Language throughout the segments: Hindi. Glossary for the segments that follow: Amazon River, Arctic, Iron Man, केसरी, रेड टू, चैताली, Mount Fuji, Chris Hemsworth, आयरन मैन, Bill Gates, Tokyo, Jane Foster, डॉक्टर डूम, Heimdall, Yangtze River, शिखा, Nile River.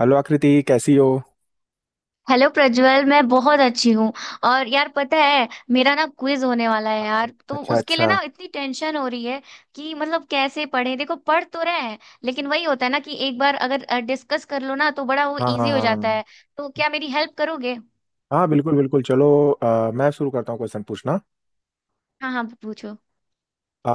हेलो आकृति कैसी हो। हेलो प्रज्वल, मैं बहुत अच्छी हूँ। और यार पता है, मेरा ना क्विज होने वाला है हाँ, यार, तो अच्छा उसके लिए अच्छा। ना इतनी टेंशन हो रही है कि मतलब कैसे पढ़े। देखो, पढ़ तो रहे हैं लेकिन वही होता है ना कि एक बार अगर डिस्कस कर लो ना, तो बड़ा वो हाँ हाँ इजी हो हाँ जाता हाँ। है। तो क्या मेरी हेल्प करोगे? हाँ, बिल्कुल बिल्कुल, चलो मैं शुरू करता हूँ क्वेश्चन पूछना। हाँ हाँ, पूछो। अ,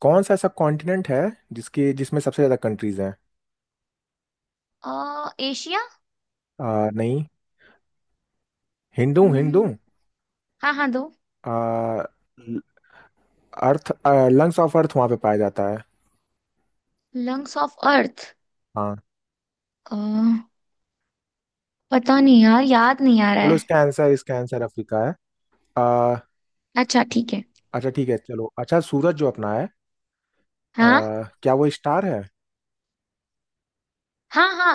कौन सा ऐसा कॉन्टिनेंट है जिसके जिसमें सबसे ज़्यादा कंट्रीज हैं? एशिया। नहीं। हिंदू हूँ, हिंदू हम्म। हूँ। हाँ हाँ, दो। अ, ल- अर्थ लंग्स ऑफ अर्थ वहाँ पे पाया जाता है। Lungs of earth. हाँ। अ, पता नहीं यार, याद नहीं आ रहा चलो, है। इसका आंसर अफ्रीका है। अ, अच्छा, ठीक है। अच्छा ठीक है चलो। अच्छा, सूरज जो अपना है, अ, हाँ क्या वो स्टार है? हाँ हाँ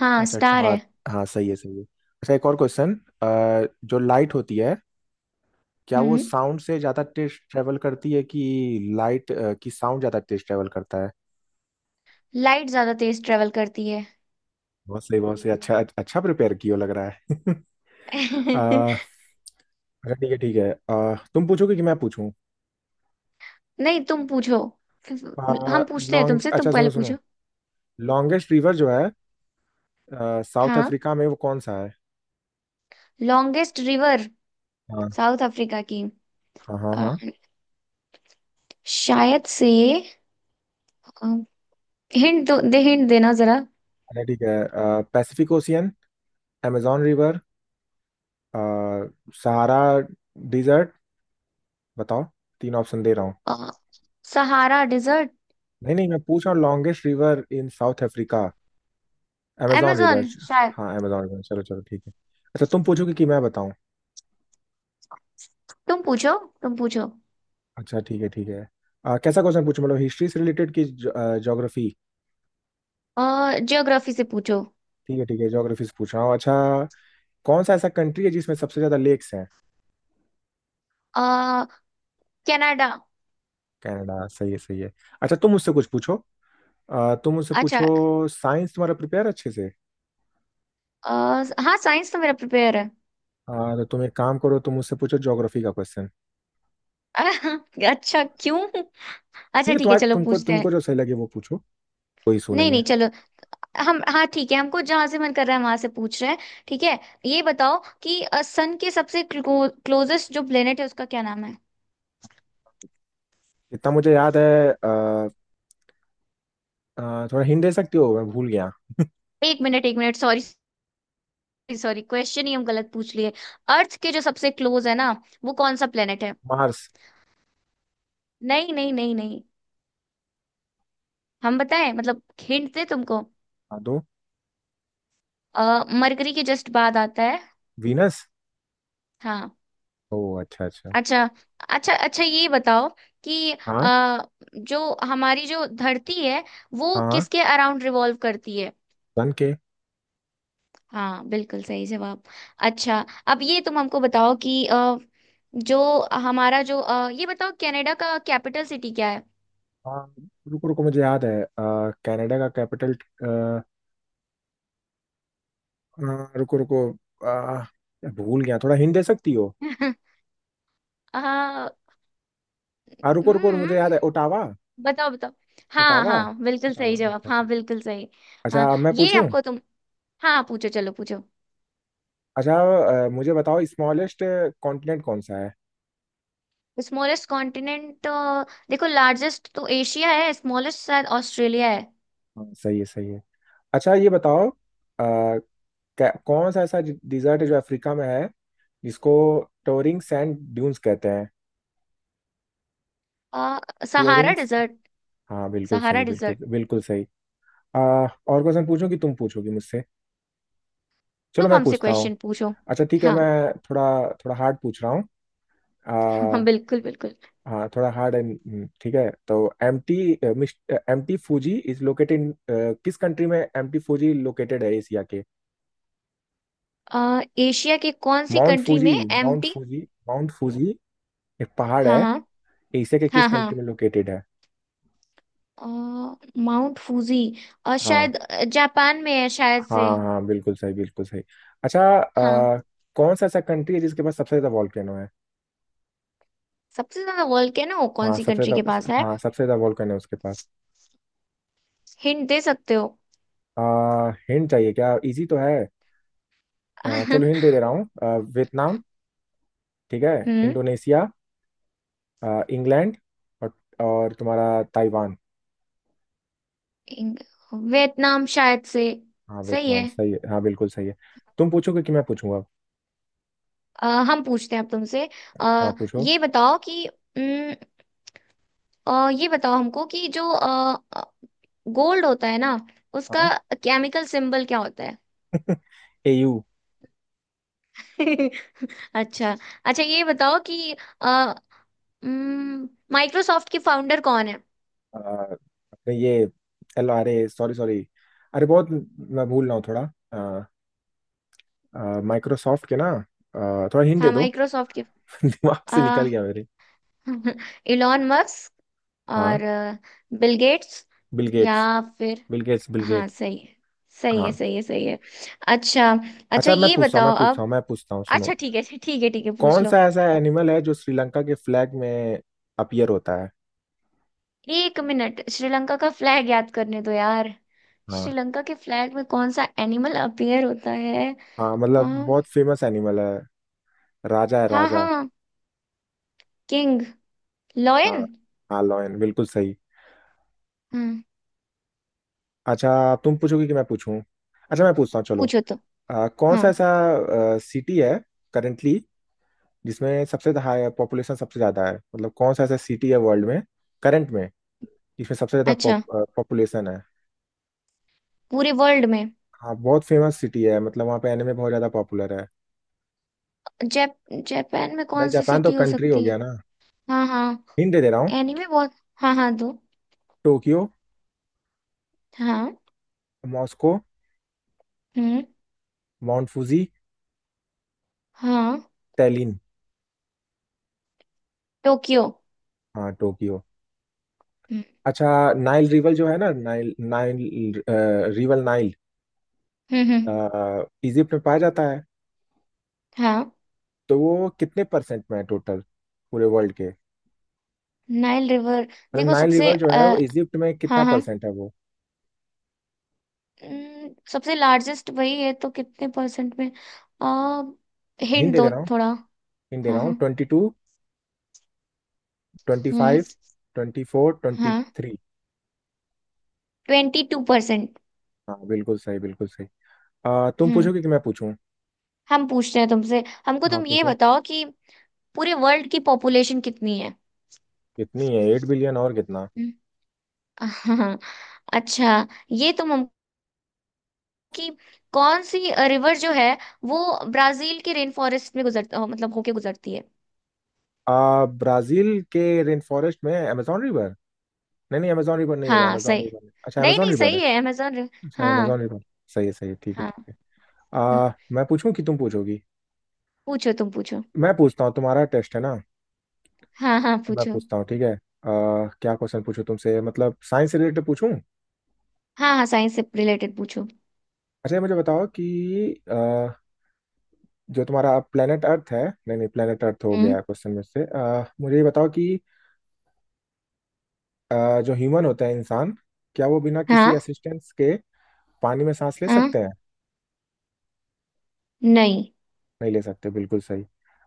हाँ, अच्छा स्टार हाँ। है। हाँ सही है सही है। अच्छा, एक और क्वेश्चन। जो लाइट होती है, क्या वो हम्म। साउंड से ज्यादा तेज ट्रेवल करती है कि लाइट की साउंड ज्यादा तेज ट्रेवल करता है? लाइट ज्यादा तेज ट्रेवल करती है। बहुत सही बहुत सही। अच्छा अच्छा प्रिपेयर किया लग रहा है। आ, अच्छा ठीक है ठीक है। तुम पूछोगे कि मैं पूछूं? नहीं, तुम पूछो। आ, हम पूछते हैं लॉन्ग तुमसे। तुम अच्छा पहले सुनो सुनो। पूछो। लॉन्गेस्ट रिवर जो है साउथ हाँ, अफ्रीका में, वो कौन सा है? लॉन्गेस्ट रिवर हाँ साउथ अफ्रीका की। हाँ हाँ अ, हाँ। शायद से। हिंट दो, दे, हिंट देना जरा। अच्छा ठीक है। Pacific ocean, amazon river, Sahara desert. बताओ, तीन ऑप्शन दे रहा हूँ। अ, सहारा डिजर्ट। नहीं नहीं, मैं पूछ रहा हूँ longest river in South Africa. Amazon river. amazon शायद। हाँ अमेजोन रिवर, चलो चलो ठीक है। अच्छा, तुम पूछोगे कि मैं बताऊं? तुम पूछो, तुम पूछो। अच्छा ठीक है ठीक है। कैसा क्वेश्चन पूछूं, मतलब हिस्ट्री से रिलेटेड कि ज्योग्राफी? अ ज्योग्राफी से पूछो। ठीक है ठीक है, ज्योग्राफी से पूछ रहा हूँ। अच्छा, कौन सा ऐसा कंट्री है जिसमें सबसे ज्यादा लेक्स हैं? आ, कनाडा। कनाडा सही है सही है। अच्छा, तुम मुझसे कुछ पूछो। तुम मुझसे अच्छा। पूछो। साइंस तुम्हारा प्रिपेयर अच्छे से? अ, हाँ, साइंस तो मेरा प्रिपेयर है। तो तुम एक काम करो, तुम मुझसे पूछो ज्योग्राफी का क्वेश्चन। अच्छा, क्यों? अच्छा ठीक है, ठीक है, तुम्हारे चलो तुमको पूछते हैं। तुमको जो सही लगे वो पूछो। कोई इशू नहीं नहीं नहीं, है। चलो। हम हाँ ठीक है, हमको जहां से मन कर रहा है वहां से पूछ रहे हैं। ठीक है। ये बताओ कि सन के सबसे क्लोजेस्ट जो प्लेनेट है उसका क्या नाम है? इतना मुझे याद है। आ, आ, थोड़ा हिंट दे सकती हो, मैं भूल गया? एक मिनट, एक मिनट, सॉरी। सॉरी, क्वेश्चन ही हम गलत पूछ लिए। अर्थ के जो सबसे क्लोज है ना, वो कौन सा प्लेनेट है? मार्स। नहीं नहीं नहीं नहीं। हम बताएं मतलब, हिंट दे तुमको। हाँ दो। मरकरी के जस्ट बाद आता है। वीनस। हाँ। ओ अच्छा अच्छा। अच्छा। अच्छा। अच्छा ये बताओ कि हाँ अ, जो हमारी जो धरती है वो हाँ हाँ। किसके अराउंड रिवॉल्व करती है? सन के। हाँ, बिल्कुल सही जवाब। अच्छा। अब ये तुम हमको बताओ कि अ, जो हमारा जो अ, ये बताओ, कनाडा का कैपिटल सिटी क्या है? आ, रुको रुको, मुझे याद है। कनाडा का कैपिटल। रुको रुको। आ, भूल गया, थोड़ा हिंट दे सकती हो? अ, रुको रुको, हम्म मुझे याद है, ओटावा। बताओ बताओ। हाँ ओटावा। हाँ, बिल्कुल ओटावा सही जवाब। अच्छा हाँ, ठीक। बिल्कुल सही। हाँ, अच्छा अब मैं ये पूछूं। हमको तुम। हाँ, पूछो, चलो पूछो। अच्छा, मुझे बताओ, स्मॉलेस्ट कॉन्टिनेंट कौन सा है? Smallest continent. देखो, लार्जेस्ट तो एशिया है, स्मॉलेस्ट शायद ऑस्ट्रेलिया है। हाँ सही है सही है। अच्छा ये बताओ, कौन सा ऐसा डिजर्ट है जो अफ्रीका में है, जिसको टोरिंग सैंड ड्यून्स कहते हैं? अ, सहारा टूरिंग। डिजर्ट। हाँ बिल्कुल सहारा सही, बिल्कुल डिजर्ट। बिल्कुल सही। आ, और क्वेश्चन पूछूं कि तुम पूछोगी मुझसे? चलो तुम मैं हमसे पूछता हूँ। क्वेश्चन पूछो। अच्छा ठीक है, हाँ। मैं थोड़ा थोड़ा हार्ड पूछ रहा हूँ। हाँ, आ, बिल्कुल बिल्कुल। हाँ थोड़ा हार्ड एंड ठीक है तो। MT MT Fuji is located in किस कंट्री में एमटी फूजी लोकेटेड है, एशिया के? एशिया के कौन सी माउंट कंट्री फूजी में Mount empty? Fuji Mount Fuji एक पहाड़ हाँ है। हाँ एशिया के किस हाँ कंट्री हाँ। में लोकेटेड है? अ, माउंट फूजी, और हाँ शायद जापान में है शायद से। हाँ। हाँ बिल्कुल सही बिल्कुल सही। अच्छा, हाँ। कौन सा ऐसा कंट्री है जिसके पास सबसे ज्यादा वॉल्केनो है? सबसे ज्यादा वोल्केनो कौन हाँ सी सबसे कंट्री के ज्यादा, पास है? हाँ सबसे ज्यादा वॉल्केनो है उसके पास। हिंट दे सकते हो? हिंट चाहिए क्या, इजी तो है। हम्म। चलो हिंट दे दे रहा हूँ। वियतनाम, ठीक है, इंडोनेशिया, इंग्लैंड, और और तुम्हारा ताइवान। इंग- वियतनाम शायद से। हाँ सही वियतनाम है। सही है, हाँ बिल्कुल सही है। तुम पूछोगे कि मैं पूछूंगा? हम पूछते हैं अब तुमसे। हाँ अ, पूछो। ये बताओ कि अम, ये बताओ हमको कि जो गोल्ड होता है ना, उसका हाँ। केमिकल सिंबल क्या होता एयू। है? अच्छा। अच्छा ये बताओ कि माइक्रोसॉफ्ट के फाउंडर कौन है? अपने ये L R A, sorry sorry. अरे बहुत मैं भूल रहा हूँ थोड़ा। माइक्रोसॉफ्ट के ना, थोड़ा हिंट दे हाँ, दो। माइक्रोसॉफ्ट के। दिमाग से निकल आ, गया मेरे। इलॉन मस्क, और हाँ, बिल गेट्स, बिल या गेट्स। फिर। बिल गेट्स बिल हाँ, गेट्स। सही है, सही है, हाँ। सही है, सही है। अच्छा। अच्छा अच्छा मैं ये पूछता हूँ, मैं बताओ पूछता अब। हूँ, मैं पूछता हूँ, अच्छा सुनो। ठीक है, अच्छा ठीक है, ठीक है, पूछ कौन लो। सा ऐसा एनिमल है जो श्रीलंका के फ्लैग में अपीयर होता है? एक मिनट, श्रीलंका का फ्लैग याद करने दो यार। हाँ श्रीलंका के फ्लैग में कौन सा एनिमल अपीयर होता है? हाँ आ, मतलब बहुत फेमस एनिमल है। राजा है हाँ राजा। हाँ, किंग हाँ लॉयन। हाँ लॉयन बिल्कुल सही। हम्म। अच्छा, तुम पूछोगे कि मैं पूछूं? अच्छा मैं पूछता हूँ चलो। पूछो तो। कौन हाँ, सा ऐसा सिटी है करेंटली जिसमें सबसे हाई पॉपुलेशन सबसे ज्यादा है, मतलब कौन सा ऐसा सिटी है वर्ल्ड में करंट में जिसमें सबसे ज्यादा अच्छा। पॉपुलेशन है? पूरे वर्ल्ड में? हाँ बहुत फेमस सिटी है, मतलब वहाँ पे एनिमे बहुत ज्यादा पॉपुलर है। जैप जापान में भाई कौन सी जापान तो सिटी हो कंट्री हो सकती है? गया ना। हाँ हाँ। हिंट दे दे रहा हूँ। एनीमे बहुत। हाँ हाँ, दो। टोक्यो, हाँ। मॉस्को, हम्म। माउंट फूजी, हाँ, टैलिन। टोक्यो। हाँ टोक्यो। हम्म। अच्छा, नाइल रिवर जो है ना नाइल नाइल रिवर नाइल हम्म। हम्म। इजिप्ट में पाया जाता है, हाँ। तो वो कितने परसेंट में है टोटल पूरे वर्ल्ड के? Nile river. मतलब देखो, नाइल सबसे रिवर जो है, वो इजिप्ट में हाँ कितना हाँ। परसेंट है वो? सबसे लार्जेस्ट वही है, तो कितने परसेंट में? आ, हिंट हिंट दे दे दो रहा हूँ। थोड़ा। हिंट दे हाँ रहा हूँ, हाँ। ट्वेंटी टू, ट्वेंटी हम्म। फाइव, ट्वेंटी फोर, ट्वेंटी हाँ, थ्री। Twenty two percent. हाँ बिल्कुल सही बिल्कुल सही। तुम हम्म। पूछोगे कि मैं पूछूं? हम पूछते हैं तुमसे, हमको हाँ तुम ये पूछो। बताओ कि पूरे वर्ल्ड की पॉपुलेशन कितनी है? कितनी है, एट बिलियन और कितना। हम्म। हाँ। अच्छा ये तुम हमको कि कौन सी रिवर जो है वो ब्राजील के रेन फॉरेस्ट में मतलब होके गुजरती है? ब्राजील के रेन फॉरेस्ट में amazon रिवर। नहीं नहीं amazon रिवर नहीं होगा, हाँ, amazon सही। रिवर नहीं। अच्छा नहीं amazon नहीं, रिवर है। सही है अमेजोन रिवर। अच्छा amazon हाँ रिवर सही है सही है, ठीक है हाँ। ठीक है। हम्म, मैं पूछूं कि तुम पूछोगी? पूछो, तुम पूछो। मैं पूछता हूँ, तुम्हारा टेस्ट है ना। हाँ हाँ, मैं पूछो। पूछता हूँ ठीक है। क्या क्वेश्चन पूछूं तुमसे, मतलब साइंस से रिलेटेड पूछूं? हाँ हाँ, साइंस से रिलेटेड पूछो। अच्छा ये मुझे बताओ कि आ, जो तुम्हारा planet अर्थ है, नहीं नहीं planet अर्थ हो हम्म। गया क्वेश्चन में से। मुझे ये बताओ कि जो ह्यूमन होता है, इंसान, क्या वो बिना किसी हाँ। असिस्टेंस के पानी में सांस ले हाँ, सकते हैं? नहीं। नहीं ले सकते बिल्कुल सही।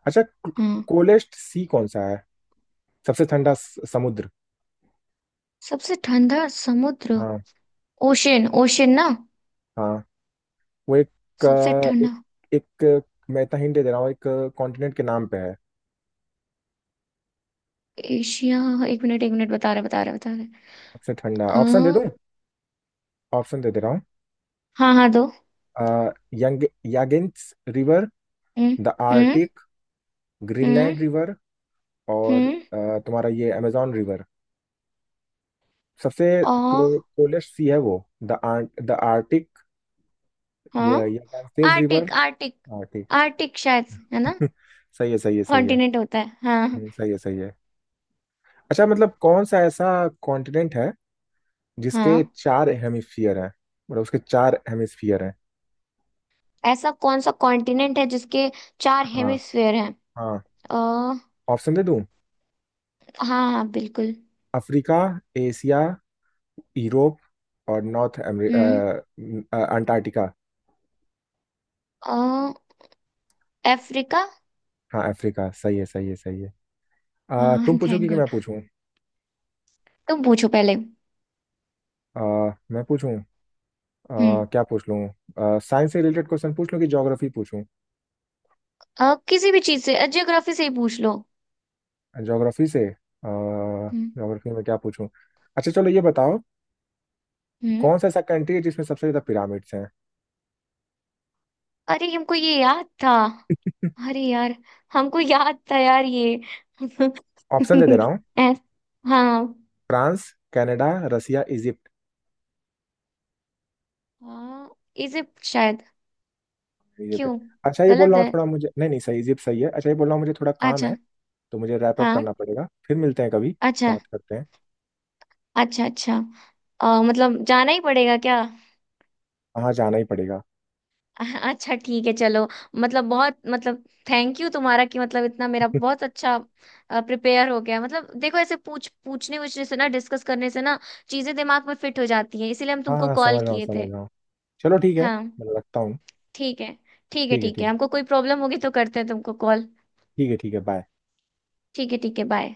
अच्छा, हाँ। कोलेस्ट सी कौन सा है? सबसे ठंडा समुद्र। सबसे ठंडा समुद्र। हाँ। ओशन, ओशन ना। हाँ वो एक सबसे अ, ठंडा। एक, एक मैं इतना हिंट दे दे रहा हूँ, एक कॉन्टिनेंट के नाम पे है। एशिया। एक मिनट, एक मिनट, बता रहे, बता रहे, बता सबसे ठंडा। ऑप्शन दे दूं? रहे। ऑप्शन दे दे रहा हूँ। हाँ हाँ, दो। यंग, यागिंस रिवर, हम्म। द हम्म। आर्टिक, हम्म। ग्रीनलैंड रिवर, और हम्म। तुम्हारा ये अमेजोन रिवर। सबसे ओ। कोलेस्ट सी है वो? द आर्टिक, हाँ। ये यागिंस river. Arctic, Arctic. Arctic. Arctic शायद, है ना? सही है सही है सही है। कॉन्टिनेंट होता है, हाँ। सही है सही है। अच्छा, मतलब कौन सा ऐसा कॉन्टिनेंट है जिसके हाँ। चार हेमिस्फीयर हैं, मतलब उसके चार हेमिस्फीयर हैं? ऐसा कौन सा कॉन्टिनेंट है जिसके चार हाँ। हेमिस्फेयर हैं? हाँ। अ ऑप्शन दे दूं? हाँ हाँ, बिल्कुल। अफ्रीका, एशिया, यूरोप, और नॉर्थ हम्म। अंटार्कटिका। अ अफ्रीका। हाँ अफ्रीका सही है सही है सही है। तुम हाँ, थैंक पूछोगी कि मैं गॉड। पूछूं? तुम पूछो पहले। अ, मैं पूछूं? हम्म। अ, क्या पूछ लूं, साइंस से रिलेटेड क्वेश्चन पूछ लूं कि ज्योग्राफी पूछूं? किसी भी चीज से, जियोग्राफी से ही पूछ लो। ज्योग्राफी से, हम्म। ज्योग्राफी में क्या पूछूं? अच्छा चलो ये बताओ, हम्म। कौन सा ऐसा कंट्री है जिसमें सबसे ज्यादा पिरामिड्स हैं? अरे, हमको ये याद था। अरे यार, हमको याद था यार, ये ऑप्शन दे दे रहा हूँ। ऐस- हाँ फ्रांस, कनाडा, रसिया, इजिप्ट। हाँ। इजिप्ट शायद। इजिप्ट है। क्यों? अच्छा ये बोल गलत रहा हूँ, है। थोड़ा मुझे, नहीं नहीं सही इजिप्ट सही है। अच्छा ये बोल रहा हूँ, मुझे थोड़ा काम अच्छा। है तो मुझे रैप अप हाँ। करना पड़ेगा, फिर मिलते हैं कभी, अच्छा। बात करते हैं। अच्छा। अच्छा। मतलब जाना ही पड़ेगा क्या? हाँ जाना ही पड़ेगा। अच्छा ठीक है, चलो। मतलब, बहुत मतलब। थैंक यू तुम्हारा, कि मतलब इतना मेरा बहुत अच्छा प्रिपेयर हो गया। मतलब देखो, ऐसे पूछने वूछने से ना, डिस्कस करने से ना, चीजें दिमाग में फिट हो जाती हैं, इसीलिए हम हाँ तुमको हाँ कॉल समझ रहा हूँ किए समझ थे। रहा हूँ। चलो ठीक है, हाँ। मैं रखता हूँ। ठीक है। ठीक है, ठीक है ठीक है, ठीक। हमको कोई प्रॉब्लम होगी तो करते हैं तुमको कॉल। ठीक है बाय। ठीक है, ठीक है, बाय।